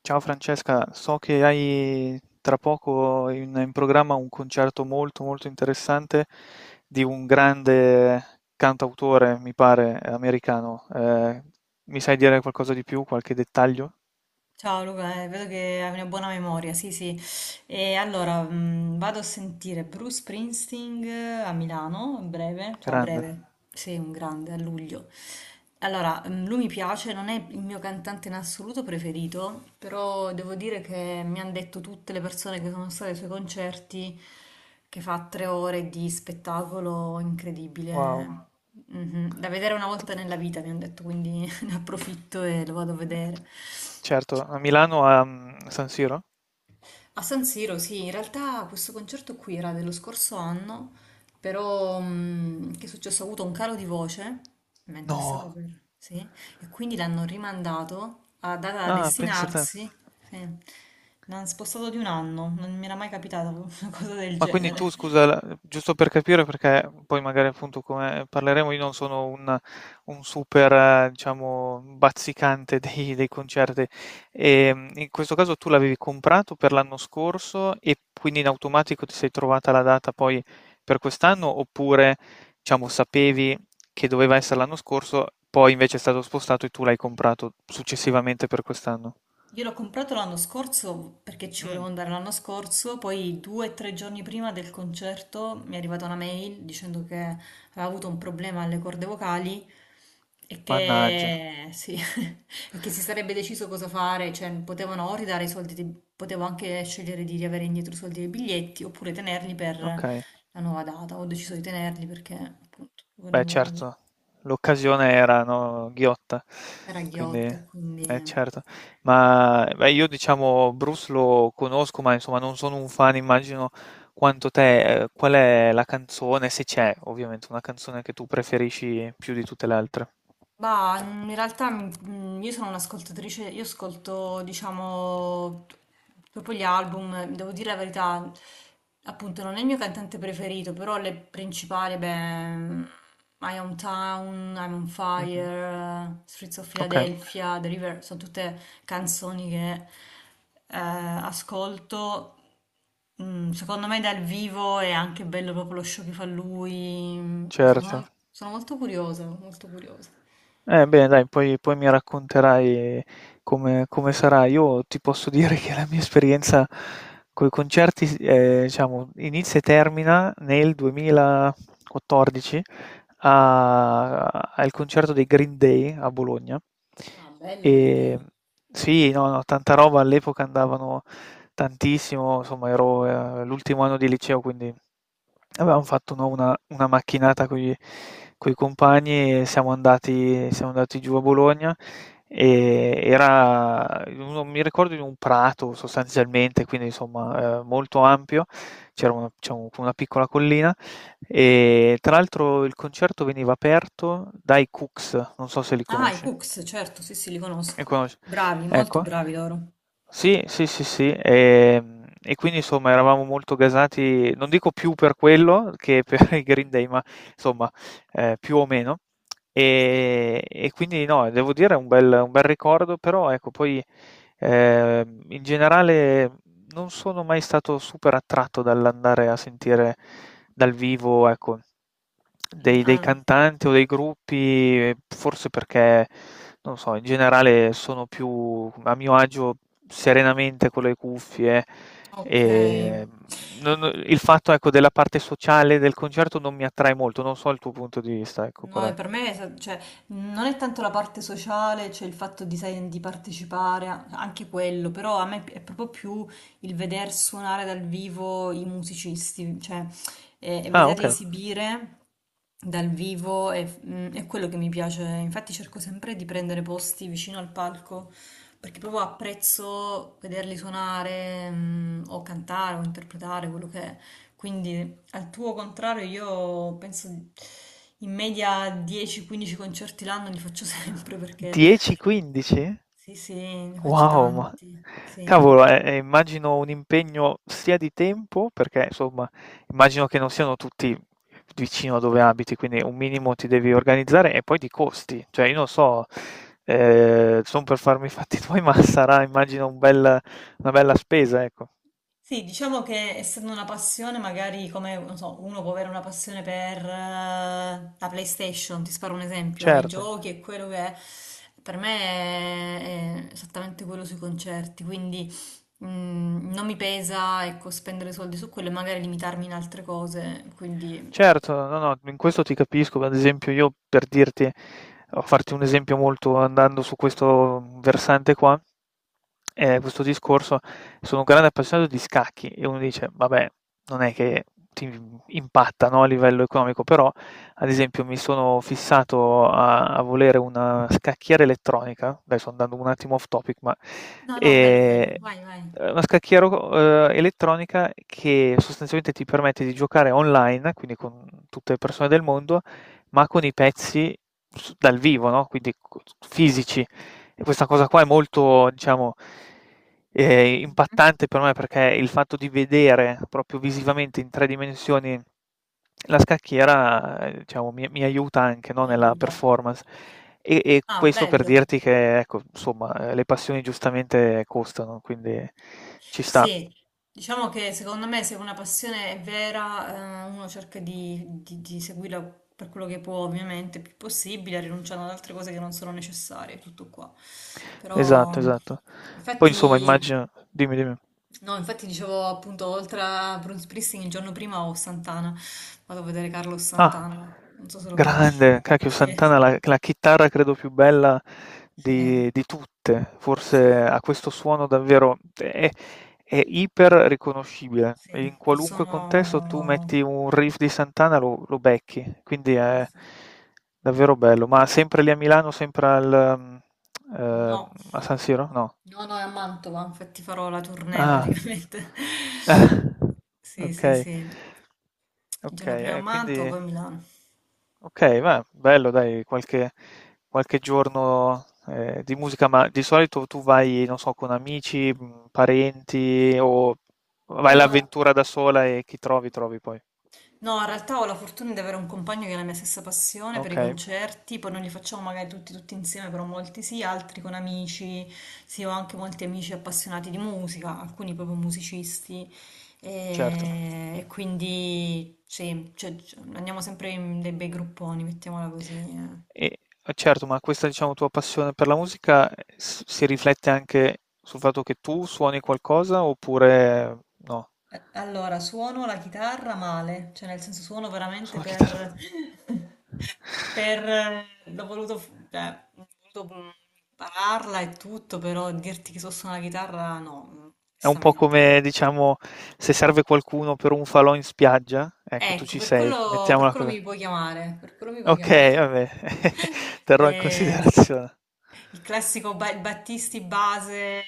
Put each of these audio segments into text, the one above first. Ciao Francesca, so che hai tra poco in programma un concerto molto molto interessante di un grande cantautore, mi pare, americano. Mi sai dire qualcosa di più, qualche dettaglio? Ciao Luca, vedo che hai una buona memoria, sì, sì. E allora, vado a sentire Bruce Springsteen a Milano, a breve, cioè a Grande. breve, sì, un grande, a luglio. Allora, lui mi piace, non è il mio cantante in assoluto preferito, però devo dire che mi hanno detto tutte le persone che sono state ai suoi concerti che fa 3 ore di spettacolo Wow. incredibile. Mhm. Da vedere una volta nella vita, mi hanno detto, quindi ne approfitto e lo vado a vedere. Certo, a Milano a San Siro? A San Siro, sì, in realtà questo concerto qui era dello scorso anno, però che è successo? Ho avuto un calo di voce mentre stavo No. per... sì, e quindi l'hanno rimandato a data da Ah, pensa te. destinarsi, sì. L'hanno spostato di un anno, non mi era mai capitata una cosa del Ma quindi tu, genere. scusa, giusto per capire, perché poi magari appunto come parleremo, io non sono un super, diciamo, bazzicante dei concerti. E, in questo caso tu l'avevi comprato per l'anno scorso e quindi in automatico ti sei trovata la data poi per quest'anno, oppure, diciamo, sapevi che doveva essere l'anno scorso, poi invece è stato spostato e tu l'hai comprato successivamente per quest'anno? Io l'ho comprato l'anno scorso perché ci volevo Mm, andare l'anno scorso, poi 2 o 3 giorni prima del concerto mi è arrivata una mail dicendo che aveva avuto un problema alle corde vocali e mannaggia, che, sì, e che si sarebbe deciso cosa fare, cioè potevano o ridare i soldi, potevo anche scegliere di riavere indietro i soldi dei biglietti oppure tenerli per ok. la nuova data. Ho deciso di tenerli perché appunto Beh volevo, certo, l'occasione era, no, ghiotta, era quindi ghiotto e eh quindi... certo. Ma, beh io diciamo Bruce lo conosco, ma insomma non sono un fan, immagino quanto te. Qual è la canzone, se c'è ovviamente, una canzone che tu preferisci più di tutte le altre? Bah, in realtà io sono un'ascoltatrice, io ascolto, diciamo, proprio gli album, devo dire la verità, appunto non è il mio cantante preferito, però le principali, beh, My Hometown, I'm on Mh-mh, Fire, Streets of okay, Philadelphia, The River, sono tutte canzoni che ascolto. Secondo me dal vivo è anche bello proprio lo show che fa lui, non so, sono certo. sono molto curiosa, molto curiosa. Bene, dai, poi mi racconterai come sarà. Io ti posso dire che la mia esperienza con i concerti, diciamo, inizia e termina nel 2014 a- al concerto dei Green Day a Bologna. E sì, no, no, tanta roba, all'epoca andavano tantissimo, insomma, ero, l'ultimo anno di liceo, quindi avevamo fatto no, una macchinata con i compagni e siamo andati giù a Bologna e era, non mi ricordo, in un prato sostanzialmente, quindi insomma molto ampio, c'era una, una piccola collina e tra l'altro il concerto veniva aperto dai Cooks, non so se li Ah, i conosci. Cooks, certo, sì, sì, li conosco. Li conosci? Bravi, molto Ecco, bravi loro. sì. E, quindi insomma eravamo molto gasati, non dico più per quello che per i Green Mm. Day, ma insomma più o meno. Sì. E quindi no, devo dire è un bel ricordo, però ecco, poi in generale non sono mai stato super attratto dall'andare a sentire dal vivo, ecco E- dei ah, cantanti o dei gruppi, forse perché, non lo so, in generale sono più a mio agio serenamente con le cuffie, ok. ehm, non il fatto, ecco, della parte sociale del concerto non mi attrae molto, non so il tuo punto di vista, ecco No, qual e è. per me cioè, non è tanto la parte sociale, cioè il fatto di, sai, di partecipare, anche quello, però a me è proprio più il veder suonare dal vivo i musicisti, cioè e Ah, vederli ah, okay. esibire dal vivo è, è quello che mi piace. Infatti cerco sempre di prendere posti vicino al palco, perché proprio apprezzo vederli suonare, o cantare o interpretare quello che è. Quindi al tuo contrario, io penso in media 10-15 concerti l'anno li faccio sempre perché 10-15? sì, sì, ne faccio Wow, ma tanti. Sì. cavolo, immagino un impegno sia di tempo, perché insomma, immagino che non siano tutti vicino a dove abiti, quindi un minimo ti devi organizzare e poi di costi. Cioè, io non so, sono per farmi i fatti tuoi, ma sarà, immagino, una bella spesa, ecco. Sì, diciamo che essendo una passione, magari come non so, uno può avere una passione per la PlayStation, ti sparo un esempio, i Certo. giochi e quello che è. Per me è esattamente quello sui concerti, quindi non mi pesa, ecco, spendere soldi su quello e magari limitarmi in altre cose, quindi Certo, no, no, in questo ti capisco. Ad esempio io per dirti a farti un esempio molto andando su questo versante qua, questo discorso, sono un grande appassionato di scacchi e uno dice: "Vabbè, non è che ti impatta, no, a livello economico", però ad esempio mi sono fissato a volere una scacchiera elettronica, adesso andando un attimo off topic, ma no, no, bello, bello, ehm vai, vai. Una scacchiera o elettronica che sostanzialmente ti permette di giocare online, quindi con tutte le persone del mondo, ma con i pezzi s dal vivo, no, quindi co fisici. E questa cosa qua è molto, diciamo, Mhm. impattante per me perché il fatto di vedere proprio visivamente in 3 dimensioni la scacchiera, diciamo, mi aiuta anche, Ti no, nella aiuta. performance. E Ah, questo per bello. dirti che, ecco, insomma, le passioni giustamente costano, quindi ci sta. Sì, diciamo che secondo me se una passione è vera, uno cerca di, di seguirla per quello che può, ovviamente, il più possibile, rinunciando ad altre cose che non sono necessarie, tutto qua. Esatto, Però, esatto. Poi insomma infatti, immagino dimmi, dimmi. no, infatti dicevo appunto, oltre a Bruce Springsteen, il giorno prima ho Santana. Vado a vedere Carlos Ah, Santana, non so se lo conosci. grande, cacchio Sì, Santana, la chitarra credo più bella sì, di tutte, forse sì. ha questo suono davvero, è iper riconoscibile, Sì, in qualunque contesto tu sono... metti un riff di Santana lo becchi, quindi eh, è sì. davvero bello, ma sempre lì a Milano, sempre al, ehm, No, a San Siro? No. no, no, è a Mantova, infatti farò la tournée Ah, praticamente. Sì, sì, ok, sì. Il ok, giorno prima a Mantova, poi quindi... a Milano. Ok, ma bello, dai, qualche, qualche giorno di musica, ma di solito tu vai, non so, con amici, parenti o vai Allora, all'avventura da sola e chi trovi, trovi poi. no, in realtà ho la fortuna di avere un compagno che ha la mia stessa passione per i Ok, concerti, poi non li facciamo magari tutti, tutti insieme, però molti sì, altri con amici, sì, ho anche molti amici appassionati di musica, alcuni proprio musicisti, certo. E quindi sì, cioè, andiamo sempre in dei bei grupponi, mettiamola così. Eh. E, certo, ma questa, diciamo, tua passione per la musica si riflette anche sul fatto che tu suoni qualcosa oppure no? Allora, suono la chitarra male, cioè nel senso suono veramente Suona chitarra. per... per... l'ho voluto, cioè, ho voluto impararla e tutto, però dirti che so suonare la chitarra no, È un po' onestamente. come, diciamo, se serve qualcuno per un falò in spiaggia, ecco tu Ecco, ci sei, per mettiamola quello così. mi puoi chiamare, per quello mi puoi Okay, chiamare. vabbè, terrò in Le- considerazione. il classico Battisti base,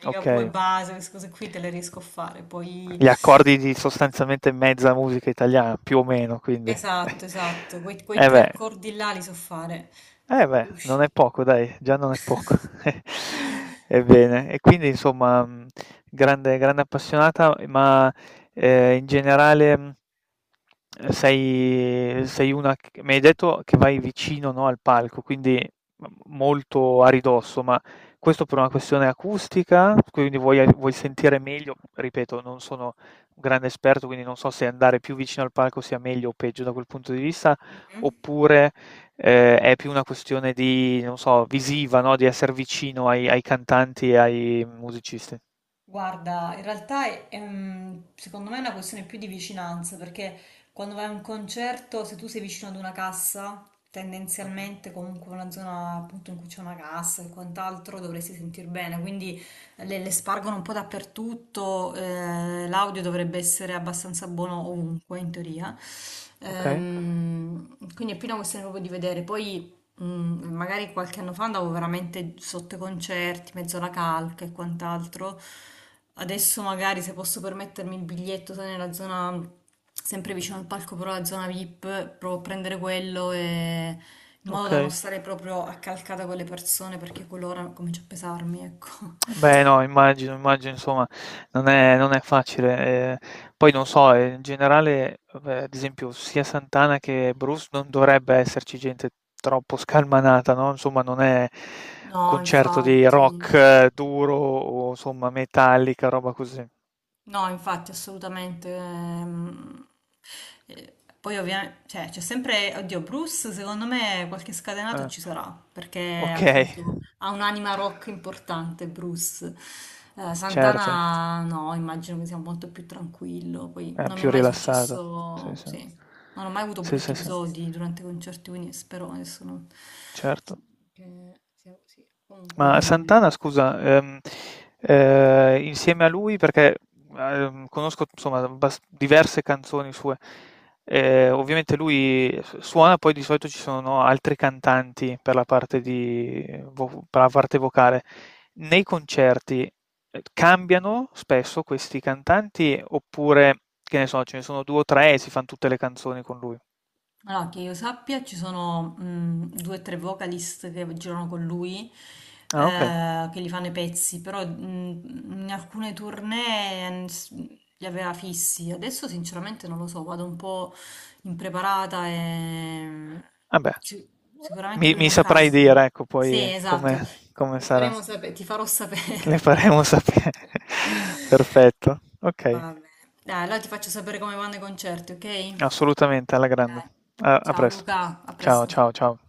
Ligabue Okay. base, queste cose qui te le riesco a fare, poi... Gli accordi di sostanzialmente mezza musica italiana, più o meno, quindi. Esatto, esatto, quei, quei Eh tre beh. accordi là li so fare. Eh beh, Usci. non è poco dai, già non è poco. Ebbene, e quindi insomma, grande, grande appassionata, ma in generale sei, sei una, mi hai detto che vai vicino, no, al palco, quindi molto a ridosso, ma questo per una questione acustica, quindi vuoi, vuoi sentire meglio, ripeto, non sono un grande esperto, quindi non so se andare più vicino al palco sia meglio o peggio da quel punto di vista, Mhm. oppure è più una questione di, non so, visiva, no, di esser vicino ai cantanti e ai musicisti. Guarda, in realtà è secondo me è una questione più di vicinanza, perché quando vai a un concerto, se tu sei vicino ad una cassa, Mh-mh. tendenzialmente comunque una zona appunto in cui c'è una cassa e quant'altro dovresti sentir bene, quindi le spargono un po' dappertutto, l'audio dovrebbe essere abbastanza buono ovunque in teoria. Okay, Quindi è più una questione proprio di vedere. Poi magari qualche anno fa andavo veramente sotto i concerti, mezzo alla calca e quant'altro. Adesso magari se posso permettermi il biglietto sono nella zona sempre vicino al palco, però la zona VIP, provo a prendere quello in modo da non okay. stare proprio accalcata con le persone perché quell'ora comincia a pesarmi, ecco. Beh, no, immagino, immagino insomma non è facile. Poi non so, in generale, vabbè, ad esempio sia Santana che Bruce non dovrebbe esserci gente troppo scalmanata, no, insomma non è un No, concerto di infatti. rock duro o insomma metallica, roba così. No, infatti, assolutamente. Eh, Poi ovviamente, cioè, c'è sempre, oddio, Bruce, secondo me qualche scatenato Eh, ci sarà, perché okay, appunto ha un'anima rock importante, Bruce. Certo. Santana, no, immagino che sia molto più tranquillo. Poi non mi è Più mai rilassato. Sì, successo, sì. sì, non ho mai avuto Sì, brutti sì, sì, episodi durante i concerti, quindi spero adesso non... certo. che sia così. Comunque... Ma Santana, scusa, insieme a lui, perché conosco insomma diverse canzoni sue, ovviamente lui suona, poi di solito ci sono no, altri cantanti per la parte di, per la parte vocale. Nei concerti cambiano spesso questi cantanti oppure, che ne so, ce ne sono due o tre e si fanno tutte le canzoni con lui? Allora, che io sappia, ci sono 2 o 3 vocalist che girano con lui, Ah, ok. Che gli fanno i pezzi, però in alcune tournée li aveva fissi. Adesso sinceramente non lo so, vado un po' impreparata e Vabbè, ci- sicuramente mi, lui mi non saprai canta. dire, ecco, Sì, poi come, esatto, come le sarà. faremo sapere, ti farò Le sapere. faremo sapere. Perfetto. Ok, Va bene. Dai, allora ti faccio sapere come vanno i concerti, ok? assolutamente, alla grande. Eh, A ciao presto. Luca, a Ciao, presto. ciao, ciao.